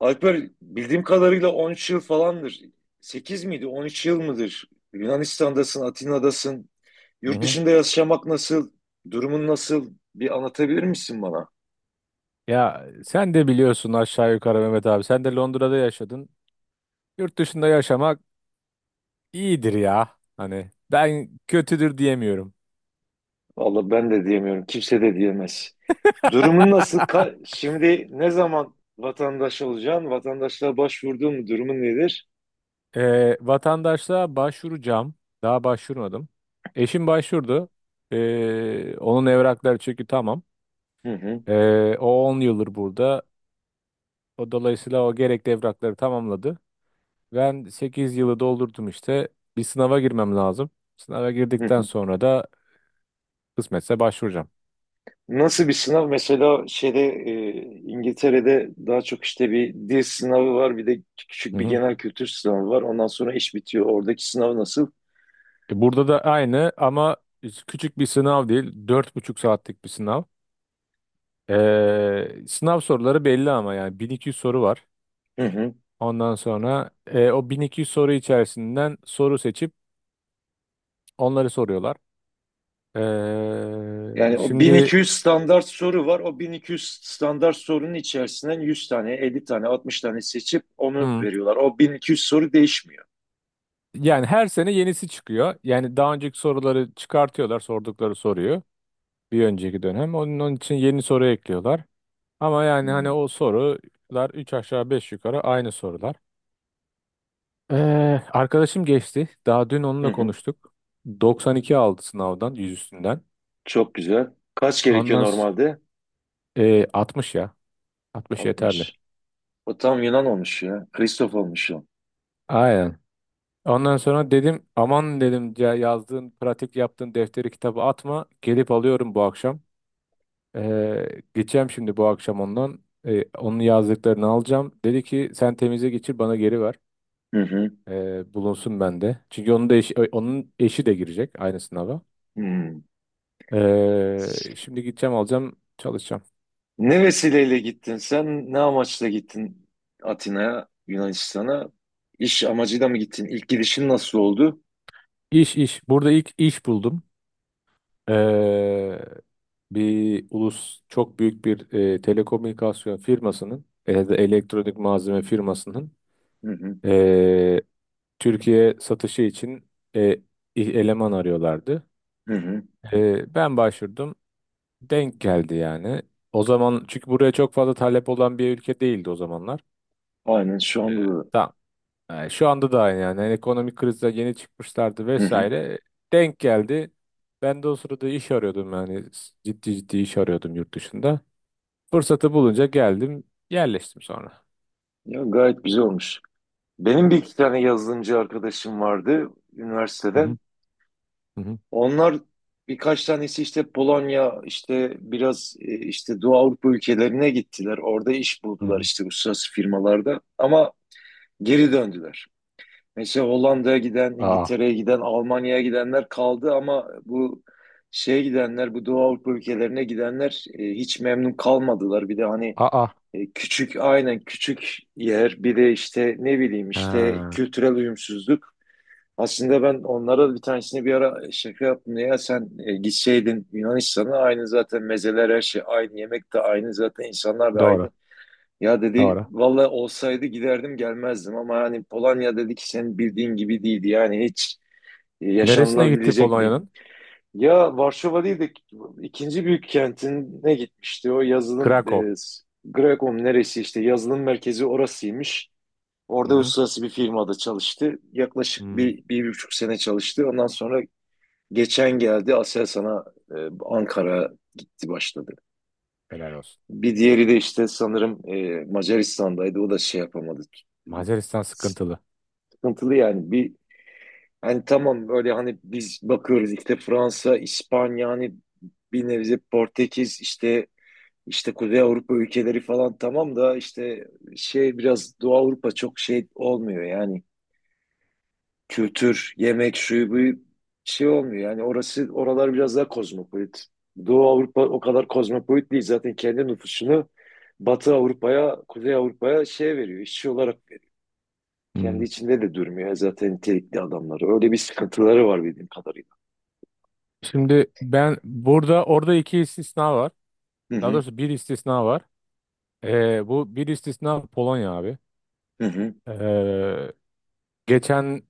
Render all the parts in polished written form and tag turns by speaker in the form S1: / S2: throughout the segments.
S1: Alper bildiğim kadarıyla 13 yıl falandır. 8 miydi? 13 yıl mıdır? Yunanistan'dasın, Atina'dasın.
S2: Hı
S1: Yurt
S2: hı.
S1: dışında yaşamak nasıl? Durumun nasıl? Bir anlatabilir misin bana?
S2: Ya sen de biliyorsun aşağı yukarı Mehmet abi. Sen de Londra'da yaşadın. Yurt dışında yaşamak iyidir ya. Hani ben kötüdür diyemiyorum.
S1: Vallahi ben de diyemiyorum. Kimse de diyemez. Durumun nasıl? Şimdi ne zaman vatandaş olacaksın? Vatandaşlığa başvurdun mu? Durumun nedir?
S2: Vatandaşlığa başvuracağım. Daha başvurmadım. Eşim başvurdu. Onun evrakları çünkü tamam.
S1: Hı hı.
S2: O 10 yıldır burada. O dolayısıyla o gerekli evrakları tamamladı. Ben 8 yılı doldurdum işte. Bir sınava girmem lazım. Sınava
S1: Hı
S2: girdikten
S1: hı.
S2: sonra da kısmetse başvuracağım.
S1: Nasıl bir sınav? Mesela şeyde İngiltere'de daha çok işte bir dil sınavı var, bir de
S2: Hı
S1: küçük bir
S2: hı.
S1: genel kültür sınavı var. Ondan sonra iş bitiyor. Oradaki sınav nasıl?
S2: Burada da aynı ama küçük bir sınav değil. Dört buçuk saatlik bir sınav. Sınav soruları belli ama yani 1200 soru var.
S1: Hı hı.
S2: Ondan sonra o 1200 soru içerisinden soru seçip onları soruyorlar.
S1: Yani o
S2: Şimdi,
S1: 1200 standart soru var. O 1200 standart sorunun içerisinden 100 tane, 50 tane, 60 tane seçip onu
S2: hmm,
S1: veriyorlar. O 1200 soru değişmiyor.
S2: yani her sene yenisi çıkıyor. Yani daha önceki soruları çıkartıyorlar sordukları soruyu bir önceki dönem. Onun için yeni soru ekliyorlar. Ama yani hani
S1: Hı
S2: o sorular 3 aşağı 5 yukarı aynı sorular. Ee, Arkadaşım geçti. Daha dün
S1: hı.
S2: onunla
S1: Hı.
S2: konuştuk. 92 aldı sınavdan, 100 üstünden.
S1: Çok güzel. Kaç gerekiyor
S2: Ondan s-
S1: normalde?
S2: 60 ya. 60 yeterli.
S1: 60. O tam Yunan olmuş ya. Kristof olmuş o.
S2: Aynen. Ondan sonra dedim aman dedim ya yazdığın, pratik yaptığın defteri kitabı atma. Gelip alıyorum bu akşam. Geçeceğim şimdi bu akşam ondan. Onun yazdıklarını alacağım. Dedi ki sen temize geçir bana geri ver.
S1: Hı hı.
S2: Bulunsun bende. Çünkü onun da eşi, onun eşi de girecek aynı sınava.
S1: Hı.
S2: Şimdi gideceğim alacağım çalışacağım.
S1: Ne vesileyle gittin sen? Ne amaçla gittin Atina'ya, Yunanistan'a? İş amacıyla mı gittin? İlk gidişin nasıl oldu?
S2: İş iş. Burada ilk iş buldum. Ee, Bir ulus çok büyük bir telekomünikasyon firmasının ya da elektronik malzeme firmasının
S1: Hı hı,
S2: e, Türkiye satışı için e, i- eleman arıyorlardı.
S1: hı hı.
S2: Ben başvurdum. Denk geldi yani. O zaman çünkü buraya çok fazla talep olan bir ülke değildi o zamanlar.
S1: Aynen şu anda da.
S2: Tamam. Yani şu anda da aynı yani. Yani ekonomik krizde yeni çıkmışlardı
S1: Hı hı.
S2: vesaire. Denk geldi. Ben de o sırada iş arıyordum yani. Ciddi ciddi iş arıyordum yurt dışında. Fırsatı bulunca geldim, yerleştim sonra.
S1: Ya gayet güzel olmuş. Benim bir iki tane yazılımcı arkadaşım vardı
S2: Hı hı,
S1: üniversiteden.
S2: hı hı.
S1: Onlar birkaç tanesi işte Polonya, işte biraz işte Doğu Avrupa ülkelerine gittiler. Orada iş
S2: Hı
S1: buldular
S2: hı.
S1: işte uluslararası firmalarda. Ama geri döndüler. Mesela Hollanda'ya giden,
S2: Aa.
S1: İngiltere'ye giden, Almanya'ya gidenler kaldı ama bu şeye gidenler, bu Doğu Avrupa ülkelerine gidenler hiç memnun kalmadılar. Bir de hani
S2: Aa.
S1: küçük, aynen küçük yer, bir de işte ne bileyim işte
S2: Ha,
S1: kültürel uyumsuzluk. Aslında ben onlara bir tanesini bir ara şaka yaptım. Ya sen gitseydin Yunanistan'a aynı zaten mezeler her şey aynı, yemek de aynı zaten insanlar da
S2: doğru,
S1: aynı. Ya dedi
S2: doğru.
S1: valla olsaydı giderdim gelmezdim ama hani Polonya dedi ki senin bildiğin gibi değildi. Yani hiç
S2: Neresine gitti
S1: yaşanılabilecek bir.
S2: Polonya'nın?
S1: Ya Varşova değil de ikinci büyük kentine gitmişti. O yazılım
S2: Krakow.
S1: Grekom neresi işte yazılım merkezi orasıymış.
S2: Hı
S1: Orada
S2: hı.
S1: uluslararası bir firmada çalıştı. Yaklaşık
S2: Hı.
S1: bir, bir buçuk sene çalıştı. Ondan sonra geçen geldi Aselsan'a e, Ankara gitti başladı.
S2: Helal olsun.
S1: Bir diğeri de işte sanırım Macaristan'daydı. O da şey yapamadı.
S2: Macaristan sıkıntılı.
S1: Sıkıntılı yani. Bir hani tamam böyle hani biz bakıyoruz işte Fransa, İspanya hani bir nevi Portekiz işte Kuzey Avrupa ülkeleri falan tamam da işte şey biraz Doğu Avrupa çok şey olmuyor yani. Kültür, yemek, şu bu şey olmuyor. Yani orası oralar biraz daha kozmopolit. Doğu Avrupa o kadar kozmopolit değil. Zaten kendi nüfusunu Batı Avrupa'ya, Kuzey Avrupa'ya şey veriyor, işçi olarak veriyor. Kendi
S2: Hı.
S1: içinde de durmuyor zaten nitelikli adamları. Öyle bir sıkıntıları var bildiğim kadarıyla.
S2: Şimdi ben burada orada iki istisna var.
S1: Hı
S2: Daha
S1: hı,
S2: doğrusu bir istisna var. Bu bir istisna Polonya abi.
S1: hı hı,
S2: Ee, Geçen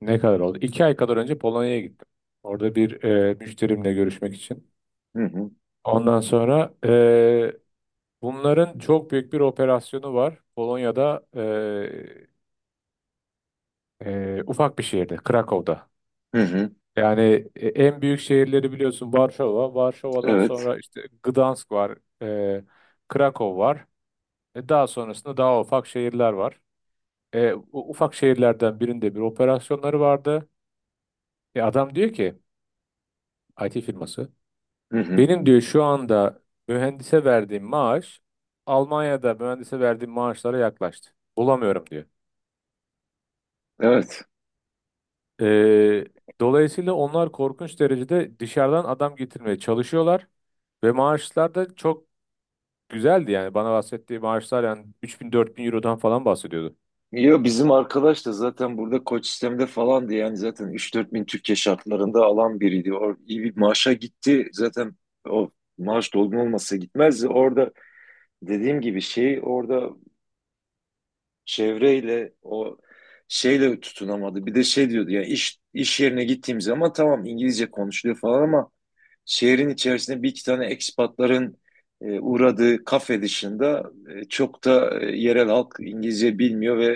S2: ne kadar oldu? 2 ay kadar önce Polonya'ya gittim. Orada bir müşterimle görüşmek için.
S1: hı hı,
S2: Ondan sonra bunların çok büyük bir operasyonu var. Polonya'da, ufak bir şehirde, Krakow'da.
S1: hı hı.
S2: Yani en büyük şehirleri biliyorsun Varşova. Varşova'dan
S1: Evet,
S2: sonra işte Gdansk var, Krakow var. Daha sonrasında daha ufak şehirler var. Ufak şehirlerden birinde bir operasyonları vardı. Adam diyor ki IT firması.
S1: hı hı,
S2: Benim diyor şu anda mühendise verdiğim maaş Almanya'da mühendise verdiğim maaşlara yaklaştı. Bulamıyorum diyor.
S1: evet.
S2: Ee, Dolayısıyla onlar korkunç derecede dışarıdan adam getirmeye çalışıyorlar ve maaşlar da çok güzeldi yani bana bahsettiği maaşlar yani 3.000-4.000 Euro'dan falan bahsediyordu.
S1: Ya bizim arkadaş da zaten burada koç sistemde falandı yani zaten üç dört bin Türkiye şartlarında alan biriydi. O iyi bir maaşa gitti zaten o maaş dolgun olmasa gitmezdi. Orada dediğim gibi şey orada çevreyle o şeyle tutunamadı. Bir de şey diyordu ya iş yerine gittiğim zaman tamam İngilizce konuşuluyor falan ama şehrin içerisinde bir iki tane ekspatların uğradığı kafe dışında çok da yerel halk İngilizce bilmiyor ve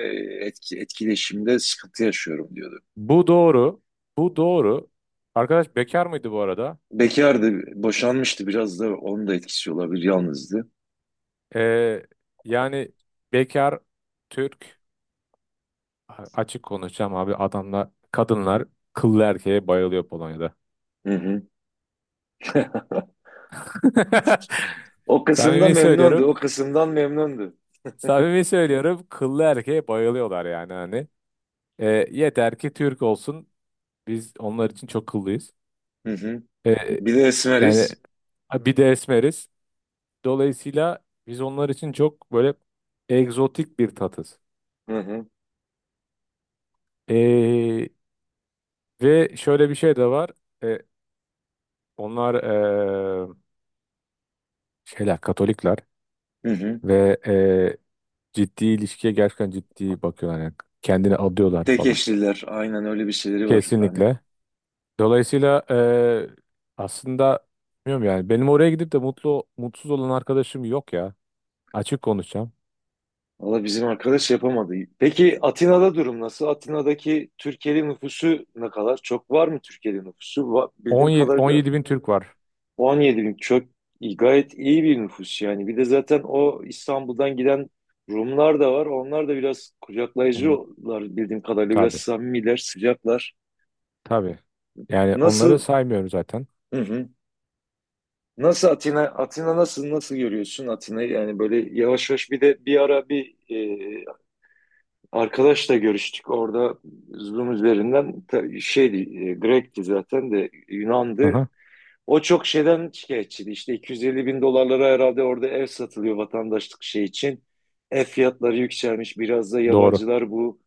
S1: etkileşimde sıkıntı yaşıyorum diyordu.
S2: Bu doğru. Bu doğru. Arkadaş bekar mıydı bu arada?
S1: Bekardı, boşanmıştı biraz da onun da etkisi olabilir, yalnızdı.
S2: Ee, Yani bekar Türk, açık konuşacağım abi, adamlar, kadınlar kıllı erkeğe bayılıyor Polonya'da.
S1: Hı hı. O kısımda
S2: Samimi
S1: memnundu, o
S2: söylüyorum.
S1: kısımdan memnundu.
S2: Samimi söylüyorum. Kıllı erkeğe bayılıyorlar yani hani. Yeter ki Türk olsun. Biz onlar için çok kıllıyız.
S1: Hı hı.
S2: E,
S1: Bir de
S2: Yani
S1: esmeriz.
S2: bir de esmeriz. Dolayısıyla biz onlar için çok böyle egzotik bir tatız.
S1: Hı hı.
S2: E, Ve şöyle bir şey de var. E, Onlar şeyler, Katolikler.
S1: Hı hı.
S2: Ve ciddi ilişkiye gerçekten ciddi bakıyorlar yani kendini adıyorlar
S1: Tek
S2: falan.
S1: eşliler, aynen öyle bir şeyleri var. Hani.
S2: Kesinlikle. Dolayısıyla aslında bilmiyorum yani benim oraya gidip de mutlu mutsuz olan arkadaşım yok ya. Açık konuşacağım.
S1: Valla bizim arkadaş yapamadı. Peki Atina'da durum nasıl? Atina'daki Türkiye'li nüfusu ne kadar? Çok var mı Türkiye'li nüfusu? Bildiğim kadarıyla
S2: 17 bin Türk var.
S1: 17 bin çok gayet iyi bir nüfus yani. Bir de zaten o İstanbul'dan giden Rumlar da var. Onlar da biraz
S2: Onu,
S1: kucaklayıcılar bildiğim kadarıyla. Biraz
S2: tabii
S1: samimiler, sıcaklar.
S2: tabii. Yani onları
S1: Nasıl?
S2: saymıyorum zaten.
S1: Hı hı. Nasıl Atina? Atina nasıl? Nasıl görüyorsun Atina'yı? Yani böyle yavaş yavaş bir de bir ara bir arkadaşla görüştük orada Zoom üzerinden şeydi Grek'ti zaten de
S2: Hı
S1: Yunan'dı.
S2: hı.
S1: O çok şeyden şikayetçiydi. İşte 250 bin dolarlara herhalde orada ev satılıyor vatandaşlık şey için. Ev fiyatları yükselmiş. Biraz da
S2: Doğru.
S1: yabancılar bu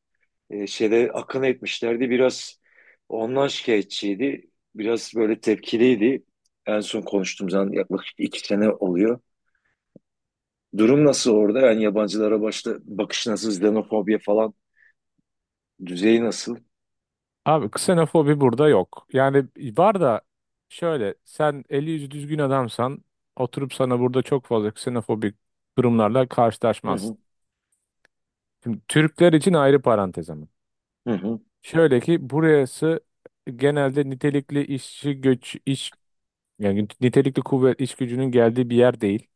S1: şeyde akın etmişlerdi. Biraz ondan şikayetçiydi. Biraz böyle tepkiliydi. En son konuştuğumuz zaman yaklaşık 2 sene oluyor. Durum nasıl orada? Yani yabancılara başta bakış nasıl, xenofobiya falan düzeyi nasıl?
S2: Abi, ksenofobi burada yok. Yani var da, şöyle sen eli yüzü düzgün adamsan oturup sana burada çok fazla ksenofobik durumlarla
S1: Hı hı.
S2: karşılaşmazsın. Şimdi Türkler için ayrı parantez ama.
S1: Hı hı,
S2: Şöyle ki burası genelde nitelikli işçi göç iş yani nitelikli kuvvet iş gücünün geldiği bir yer değil.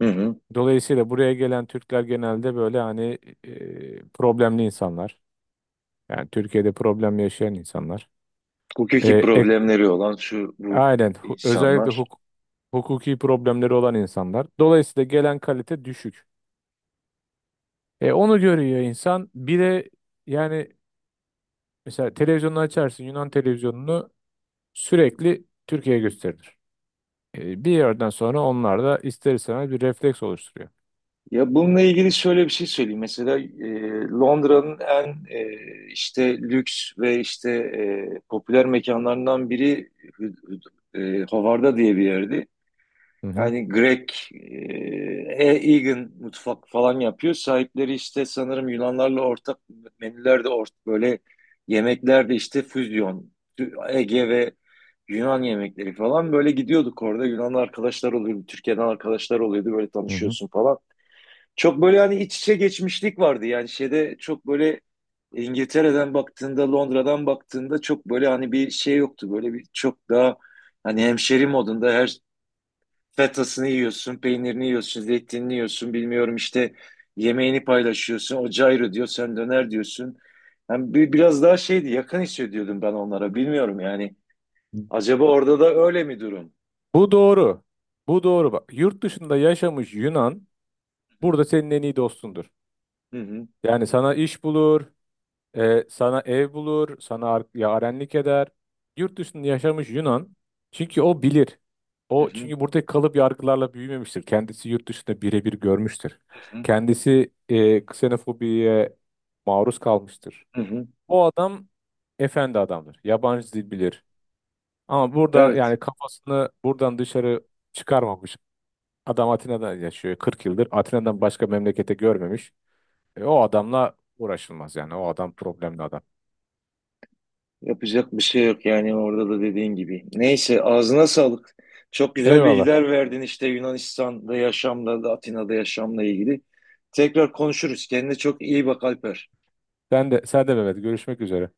S1: hı hı.
S2: Dolayısıyla buraya gelen Türkler genelde böyle hani problemli insanlar. Yani Türkiye'de problem yaşayan insanlar. E,
S1: Hukuki
S2: ek-
S1: problemleri olan şu bu
S2: Aynen. Özellikle
S1: insanlar.
S2: hukuki problemleri olan insanlar. Dolayısıyla gelen kalite düşük. Onu görüyor insan. Bir de yani mesela televizyonu açarsın Yunan televizyonunu sürekli Türkiye gösterilir. Bir yerden sonra onlar da ister istemez bir refleks oluşturuyor.
S1: Ya bununla ilgili şöyle bir şey söyleyeyim. Mesela Londra'nın en işte lüks ve işte popüler mekanlarından biri Hü- Howard'a diye bir yerdi.
S2: Hı hı,
S1: Yani Grek, Hey Egan mutfak falan yapıyor. Sahipleri işte sanırım Yunanlarla ortak menüler de ortak böyle yemekler de işte füzyon. Ege ve Yunan yemekleri falan böyle gidiyorduk orada. Yunan arkadaşlar oluyordu, Türkiye'den arkadaşlar oluyordu böyle
S2: hı hı.
S1: tanışıyorsun falan. Çok böyle hani iç içe geçmişlik vardı yani şeyde çok böyle İngiltere'den baktığında, Londra'dan baktığında çok böyle hani bir şey yoktu. Böyle bir çok daha hani hemşeri modunda her fetasını yiyorsun, peynirini yiyorsun, zeytinini yiyorsun, bilmiyorum işte yemeğini paylaşıyorsun, o cayro diyor, sen döner diyorsun. Yani bir, biraz daha şeydi, yakın hissediyordum ben onlara, bilmiyorum yani. Acaba orada da öyle mi durum?
S2: Bu doğru. Bu doğru bak. Yurt dışında yaşamış Yunan burada senin en iyi dostundur.
S1: Hı hı,
S2: Yani sana iş bulur, sana ev bulur, sana yarenlik eder. Yurt dışında yaşamış Yunan. Çünkü o bilir.
S1: hı
S2: O
S1: hı,
S2: çünkü buradaki kalıp yargılarla büyümemiştir. Kendisi yurt dışında birebir görmüştür.
S1: hı hı,
S2: Kendisi ksenofobiye maruz kalmıştır.
S1: hı hı.
S2: O adam efendi adamdır. Yabancı dil bilir. Ama burada
S1: Evet,
S2: yani kafasını buradan dışarı çıkarmamış. Adam Atina'da yaşıyor 40 yıldır. Atina'dan başka memlekete görmemiş. O adamla uğraşılmaz yani. O adam problemli adam.
S1: yapacak bir şey yok yani orada da dediğin gibi. Neyse, ağzına sağlık. Çok güzel
S2: Eyvallah.
S1: bilgiler verdin işte Yunanistan'da yaşamla, da Atina'da yaşamla ilgili. Tekrar konuşuruz. Kendine çok iyi bak Alper.
S2: Sen de, sen de Mehmet. Görüşmek üzere.